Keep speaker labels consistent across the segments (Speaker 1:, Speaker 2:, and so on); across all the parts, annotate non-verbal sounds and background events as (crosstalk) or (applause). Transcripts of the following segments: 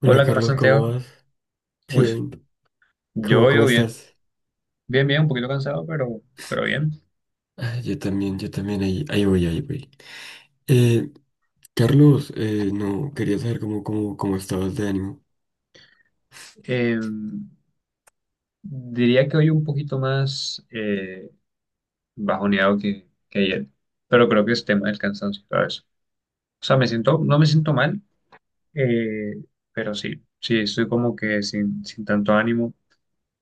Speaker 1: Hola,
Speaker 2: Hola, ¿qué más,
Speaker 1: Carlos, ¿cómo
Speaker 2: Santiago?
Speaker 1: vas?
Speaker 2: Uy,
Speaker 1: Bien, ¿cómo,
Speaker 2: yo,
Speaker 1: cómo
Speaker 2: yo bien,
Speaker 1: estás?
Speaker 2: bien, bien, un poquito cansado, pero bien.
Speaker 1: Ah, yo también, ahí voy. Eh, Carlos, no, quería saber cómo estabas de ánimo.
Speaker 2: Eh, diría que hoy un poquito más bajoneado que ayer, pero creo que es tema del cansancio, ¿sabes? O sea, me siento, no me siento mal, eh, pero sí, sí, estoy como que sin tanto ánimo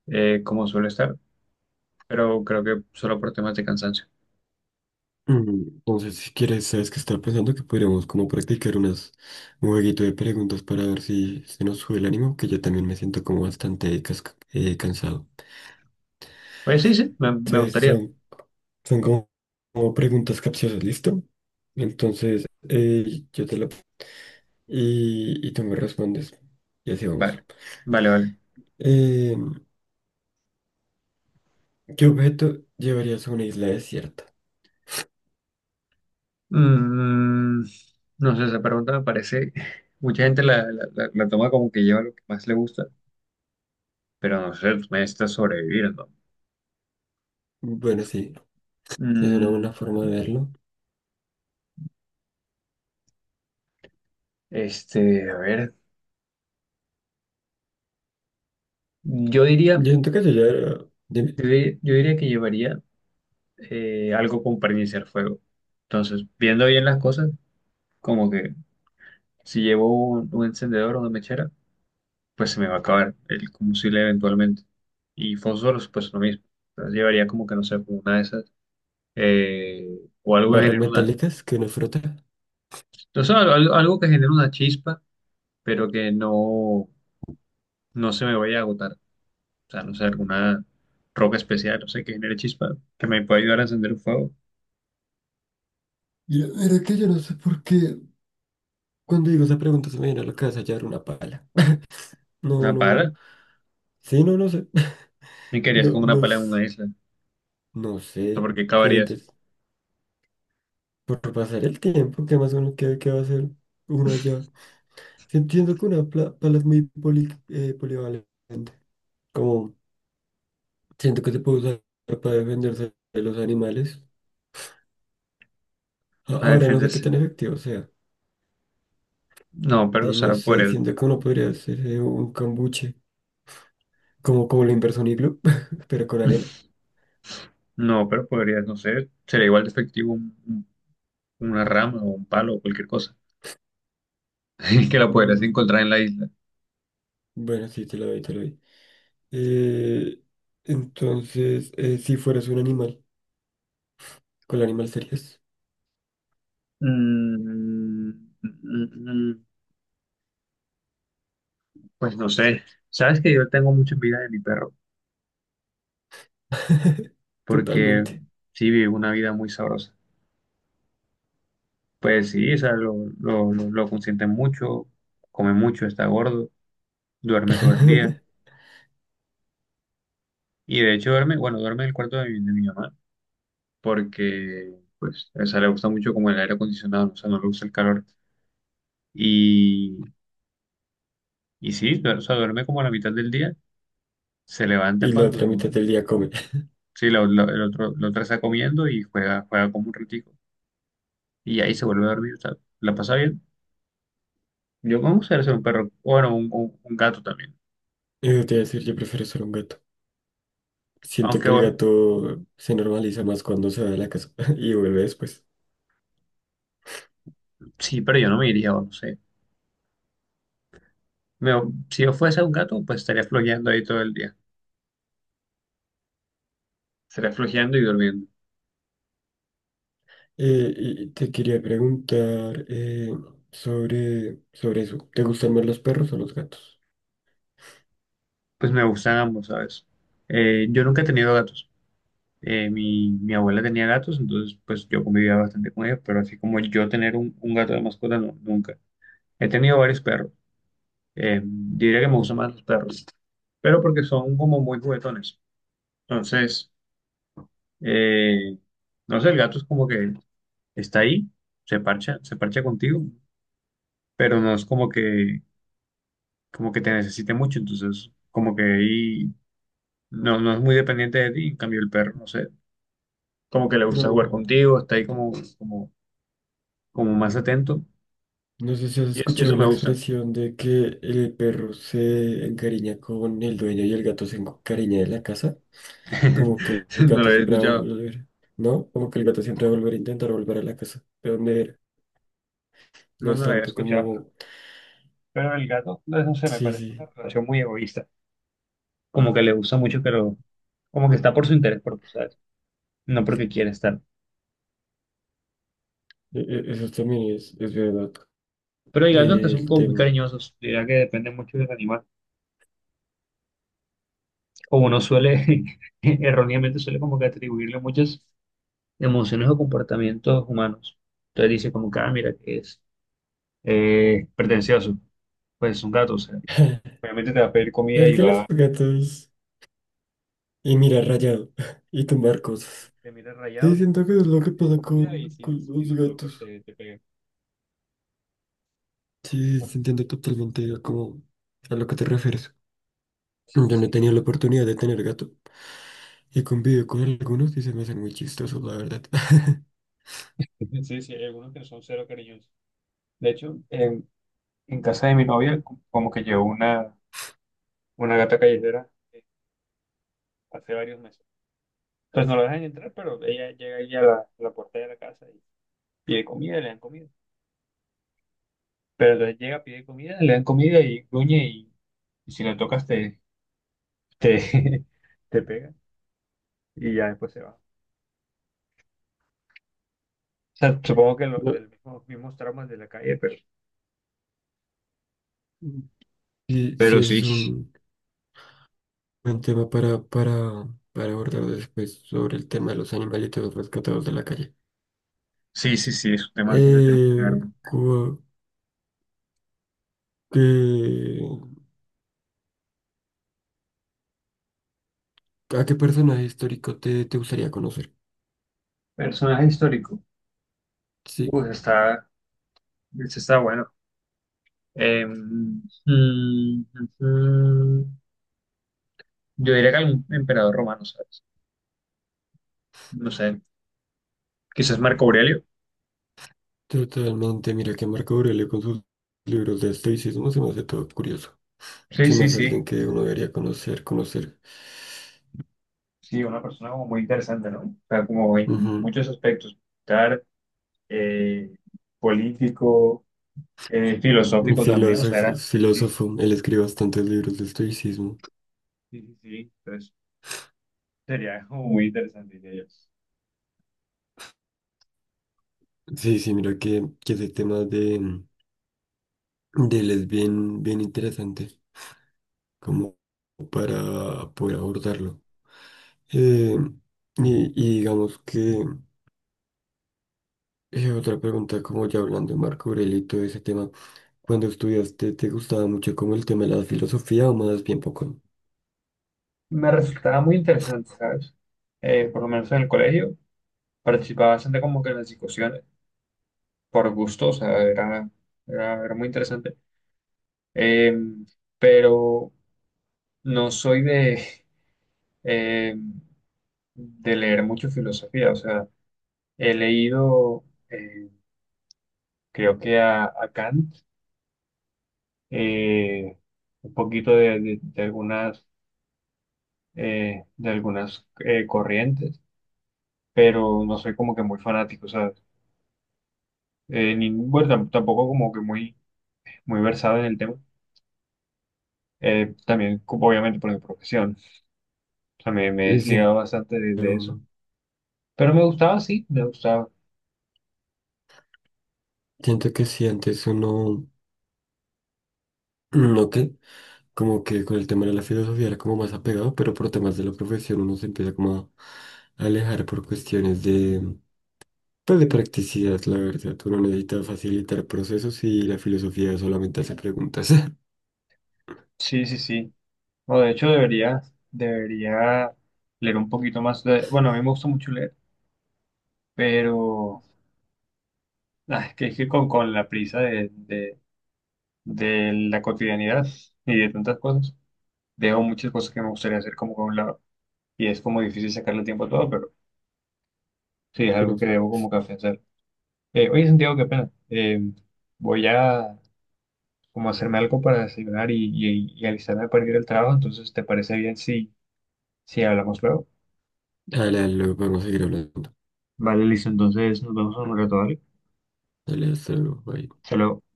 Speaker 2: como suelo estar, pero creo que solo por temas de cansancio.
Speaker 1: Mm, entonces, si quieres, sabes que estaba pensando que podríamos como practicar un jueguito de preguntas para ver si se nos sube el ánimo, que yo también me siento como bastante cansado.
Speaker 2: Pues sí, sí, me
Speaker 1: Entonces,
Speaker 2: gustaría.
Speaker 1: son, son como, como preguntas capciosas, ¿listo? Entonces, yo te la... Y tú me respondes, y así vamos.
Speaker 2: Vale, vale, vale.
Speaker 1: Eh, ¿Qué objeto llevarías a una isla desierta?
Speaker 2: Mm, no sé, esa pregunta me parece, mucha gente la toma como que lleva lo que más le gusta, pero no sé, tú necesitas sobrevivir, ¿no?
Speaker 1: Bueno, sí, es una buena
Speaker 2: Mm,
Speaker 1: forma de verlo.
Speaker 2: este, a ver, yo
Speaker 1: Yo
Speaker 2: diría,
Speaker 1: siento que yo llevaría, dime,
Speaker 2: yo diría que llevaría algo como para iniciar fuego. Entonces, viendo bien las cosas, como que si llevo un encendedor o una mechera, pues se me va a acabar el combustible eventualmente. Y fósforos, pues lo mismo. Entonces, llevaría como que, no sé, como una de esas. eh, o algo que
Speaker 1: barras
Speaker 2: genere una,
Speaker 1: metálicas que uno frota.
Speaker 2: entonces sea, algo, algo que genere una chispa, pero que no, no se me vaya a agotar. O sea, no sé, alguna roca especial, no sé, que genere chispa, que me pueda ayudar a encender un fuego.
Speaker 1: Ya, mira que yo no sé por qué. Cuando digo esa pregunta se me viene a la cabeza llevar una pala. No,
Speaker 2: Una pala.
Speaker 1: no. Sí, no, no sé. (laughs)
Speaker 2: ¿Y qué harías
Speaker 1: No,
Speaker 2: con una
Speaker 1: no,
Speaker 2: pala en una isla? O
Speaker 1: no
Speaker 2: sea,
Speaker 1: sé.
Speaker 2: ¿por qué
Speaker 1: Sería
Speaker 2: cavarías
Speaker 1: interesante. Por pasar el tiempo, ¿qué más uno qué va a hacer uno allá? Sí, entiendo que una pala es muy polivalente. Como siento que se puede usar para defenderse de los animales.
Speaker 2: para
Speaker 1: Ahora no sé qué
Speaker 2: defenderse?
Speaker 1: tan efectivo sea.
Speaker 2: No, pero, o
Speaker 1: Sí, no
Speaker 2: sea,
Speaker 1: sé,
Speaker 2: podrías,
Speaker 1: siento que uno podría hacer un cambuche, como, como la inversión iglú, (laughs) pero con arena.
Speaker 2: no, pero podrías, no sé, sería igual de efectivo una rama o un palo o cualquier cosa (laughs) que la podrías
Speaker 1: Mm,
Speaker 2: encontrar en la isla.
Speaker 1: bueno, sí, te lo doy, te lo doy. Eh, entonces, si fueras un animal, ¿cuál animal serías?
Speaker 2: Mm, mm, mm, pues no sé, sabes que yo tengo mucha envidia de mi perro,
Speaker 1: (laughs)
Speaker 2: porque
Speaker 1: Totalmente.
Speaker 2: sí vive una vida muy sabrosa. Pues sí, o sea, lo consienten mucho, come mucho, está gordo, duerme todo el día.
Speaker 1: (laughs)
Speaker 2: Y de hecho duerme, bueno, duerme en el cuarto de de mi mamá, porque pues o sea le gusta mucho como el aire acondicionado, o sea, no le gusta el calor. Y, y sí, o sea, duerme como a la mitad del día, se levanta
Speaker 1: Y la otra
Speaker 2: cuando,
Speaker 1: mitad del día come. (laughs)
Speaker 2: sí, el otro, la otra está comiendo y juega, juega como un ratico. Y ahí se vuelve a dormir, o sea, la pasa bien. Yo me gustaría ser un perro, bueno, un gato también.
Speaker 1: Eso te iba a decir, yo prefiero ser un gato. Siento
Speaker 2: Aunque
Speaker 1: que el
Speaker 2: bueno,
Speaker 1: gato se normaliza más cuando se va de la casa (laughs) y vuelve después.
Speaker 2: sí, pero yo no me iría, o no sé. Me- si yo fuese un gato, pues estaría flojeando ahí todo el día. Estaría flojeando y durmiendo.
Speaker 1: Y te quería preguntar sobre, sobre eso. ¿Te gustan más los perros o los gatos?
Speaker 2: Pues me gustan ambos, ¿sabes? Yo nunca he tenido gatos. Mi abuela tenía gatos, entonces pues yo convivía bastante con ellos, pero así como yo tener un gato de mascota, no, nunca. He tenido varios perros. Diría que me gustan más los perros, pero porque son como muy juguetones. Entonces, eh, no sé, el gato es como que está ahí, se parcha contigo, pero no es como que te necesite mucho, entonces como que ahí no, no es muy dependiente de ti, en cambio el perro, no sé, como que le gusta jugar
Speaker 1: No,
Speaker 2: contigo, está ahí como, como, como más atento,
Speaker 1: no sé si has
Speaker 2: y y
Speaker 1: escuchado
Speaker 2: eso, me
Speaker 1: la
Speaker 2: gusta.
Speaker 1: expresión de que el perro se encariña con el dueño y el gato se encariña de la casa. Como que
Speaker 2: (laughs)
Speaker 1: el
Speaker 2: No lo
Speaker 1: gato
Speaker 2: había
Speaker 1: siempre va a
Speaker 2: escuchado,
Speaker 1: volver, ¿no? Como que el gato siempre va a volver a intentar volver a la casa de donde era. No
Speaker 2: no,
Speaker 1: es
Speaker 2: no lo había
Speaker 1: tanto
Speaker 2: escuchado.
Speaker 1: como...
Speaker 2: Pero el gato, no, no sé, me
Speaker 1: Sí,
Speaker 2: parece
Speaker 1: sí,
Speaker 2: una relación muy egoísta. Como que le gusta mucho, pero como que está por su interés propio, ¿sabes? No porque quiere estar.
Speaker 1: eso también es verdad.
Speaker 2: Pero hay gatos que son
Speaker 1: El
Speaker 2: como muy
Speaker 1: tema...
Speaker 2: cariñosos. Diría que depende mucho del animal. O uno suele, (laughs) erróneamente suele como que atribuirle muchas emociones o comportamientos humanos. Entonces dice como que, ah, mira, que es pretencioso, pues es un gato, o sea,
Speaker 1: (laughs)
Speaker 2: obviamente te va a pedir comida
Speaker 1: Es
Speaker 2: y
Speaker 1: que los
Speaker 2: va,
Speaker 1: gatos... y mirar rayado (laughs) y
Speaker 2: y
Speaker 1: tumbar cosas.
Speaker 2: te mira
Speaker 1: Sí,
Speaker 2: rayado,
Speaker 1: siento que es lo que
Speaker 2: te pide
Speaker 1: pasa
Speaker 2: comida y si,
Speaker 1: con
Speaker 2: si
Speaker 1: los
Speaker 2: lo tocas
Speaker 1: gatos.
Speaker 2: te pega.
Speaker 1: Sí,
Speaker 2: Oh,
Speaker 1: sí, entiendo totalmente a, a lo que te refieres. Yo
Speaker 2: sí,
Speaker 1: no he
Speaker 2: sí,
Speaker 1: tenido la oportunidad de tener gato y convivo con algunos y se me hacen muy chistosos, la verdad. (laughs)
Speaker 2: (laughs) sí, sí, hay algunos que son cero cariñosos. De hecho, en casa de mi novia, como que llevo una gata callejera hace varios meses. Pues no lo dejan entrar, pero ella llega ahí a la puerta de la casa y pide comida, le dan comida. Pero entonces llega, pide comida, le dan comida y gruñe y si la tocas te, (laughs) te pega y ya después se va. O sea, supongo que lo,
Speaker 1: No,
Speaker 2: de los mismos, mismos traumas de la calle, pero...
Speaker 1: sí, sí,
Speaker 2: Pero
Speaker 1: ese
Speaker 2: sí,
Speaker 1: es un buen tema para abordar después sobre el tema de los animalitos rescatados de la calle.
Speaker 2: sí, sí, sí, es un tema bastante triste, la
Speaker 1: Eh,
Speaker 2: verdad.
Speaker 1: cu- que- ¿A qué personaje histórico te gustaría conocer?
Speaker 2: Personaje histórico.
Speaker 1: Sí.
Speaker 2: Uy, está, ese está bueno. Mm, mm, yo diría que algún emperador romano, ¿sabes? No sé, quizás Marco Aurelio.
Speaker 1: Totalmente, mira que Marco Aurelio con sus libros de estoicismo se me hace todo curioso.
Speaker 2: Sí,
Speaker 1: Se me
Speaker 2: sí,
Speaker 1: hace alguien
Speaker 2: sí.
Speaker 1: que uno debería conocer.
Speaker 2: Sí, una persona como muy interesante, ¿no? O sea, como en
Speaker 1: Ujú.
Speaker 2: muchos aspectos, militar, eh, político,
Speaker 1: Un
Speaker 2: filosófico también, o sea,
Speaker 1: filósofo,
Speaker 2: era... Sí,
Speaker 1: filósofo, él escribe bastantes libros de estoicismo.
Speaker 2: sí, sí, sí, entonces sería como muy interesante, diría yo.
Speaker 1: Sí, sí, mira que ese tema de él es bien, bien interesante, como para poder abordarlo. Eh, y, y digamos que otra pregunta, como ya hablando de Marco Aurelio y todo ese tema. Cuando estudiaste, ¿te gustaba mucho como el tema de la filosofía o más bien poco?
Speaker 2: Me resultaba muy interesante, ¿sabes? Por lo menos en el colegio, participaba bastante como que en las discusiones, por gusto, o sea, era muy interesante. Eh, pero no soy eh, de leer mucho filosofía, o sea... He leído, eh, creo que a Kant, eh, un poquito de, de algunas corrientes, pero no soy como que muy fanático, ¿sabes? Ni, bueno, tampoco como que muy, muy versado en el tema. También, como obviamente, por mi profesión. También me he
Speaker 1: Y siento,
Speaker 2: desligado bastante de eso. Pero me gustaba.
Speaker 1: siento que si antes uno, no qué? Como que con el tema de la filosofía era como más apegado, pero por temas de la profesión uno se empieza como a alejar por cuestiones de, pues de practicidad, la verdad. Uno necesita facilitar procesos y la filosofía solamente hace preguntas. (laughs)
Speaker 2: Sí, sí, sí. No, de hecho, debería, debería leer un poquito más. Bueno, a mí me gusta mucho leer, pero... Ah, es que con la prisa de la cotidianidad y de tantas cosas, dejo muchas cosas que me gustaría hacer como con un lado. Y es como difícil sacarle tiempo a todo, pero sí, es
Speaker 1: Pero,
Speaker 2: algo que debo como que hacer. Oye, Santiago, qué pena. Voy a como hacerme algo para desayunar y alistarme para ir al trabajo, entonces, ¿te parece bien si, si hablamos luego?
Speaker 1: dale, dale, luego vamos a seguir hablando.
Speaker 2: Vale, listo, entonces nos vemos en un rato, ¿vale?
Speaker 1: Dale, hasta luego, bye.
Speaker 2: Hasta luego.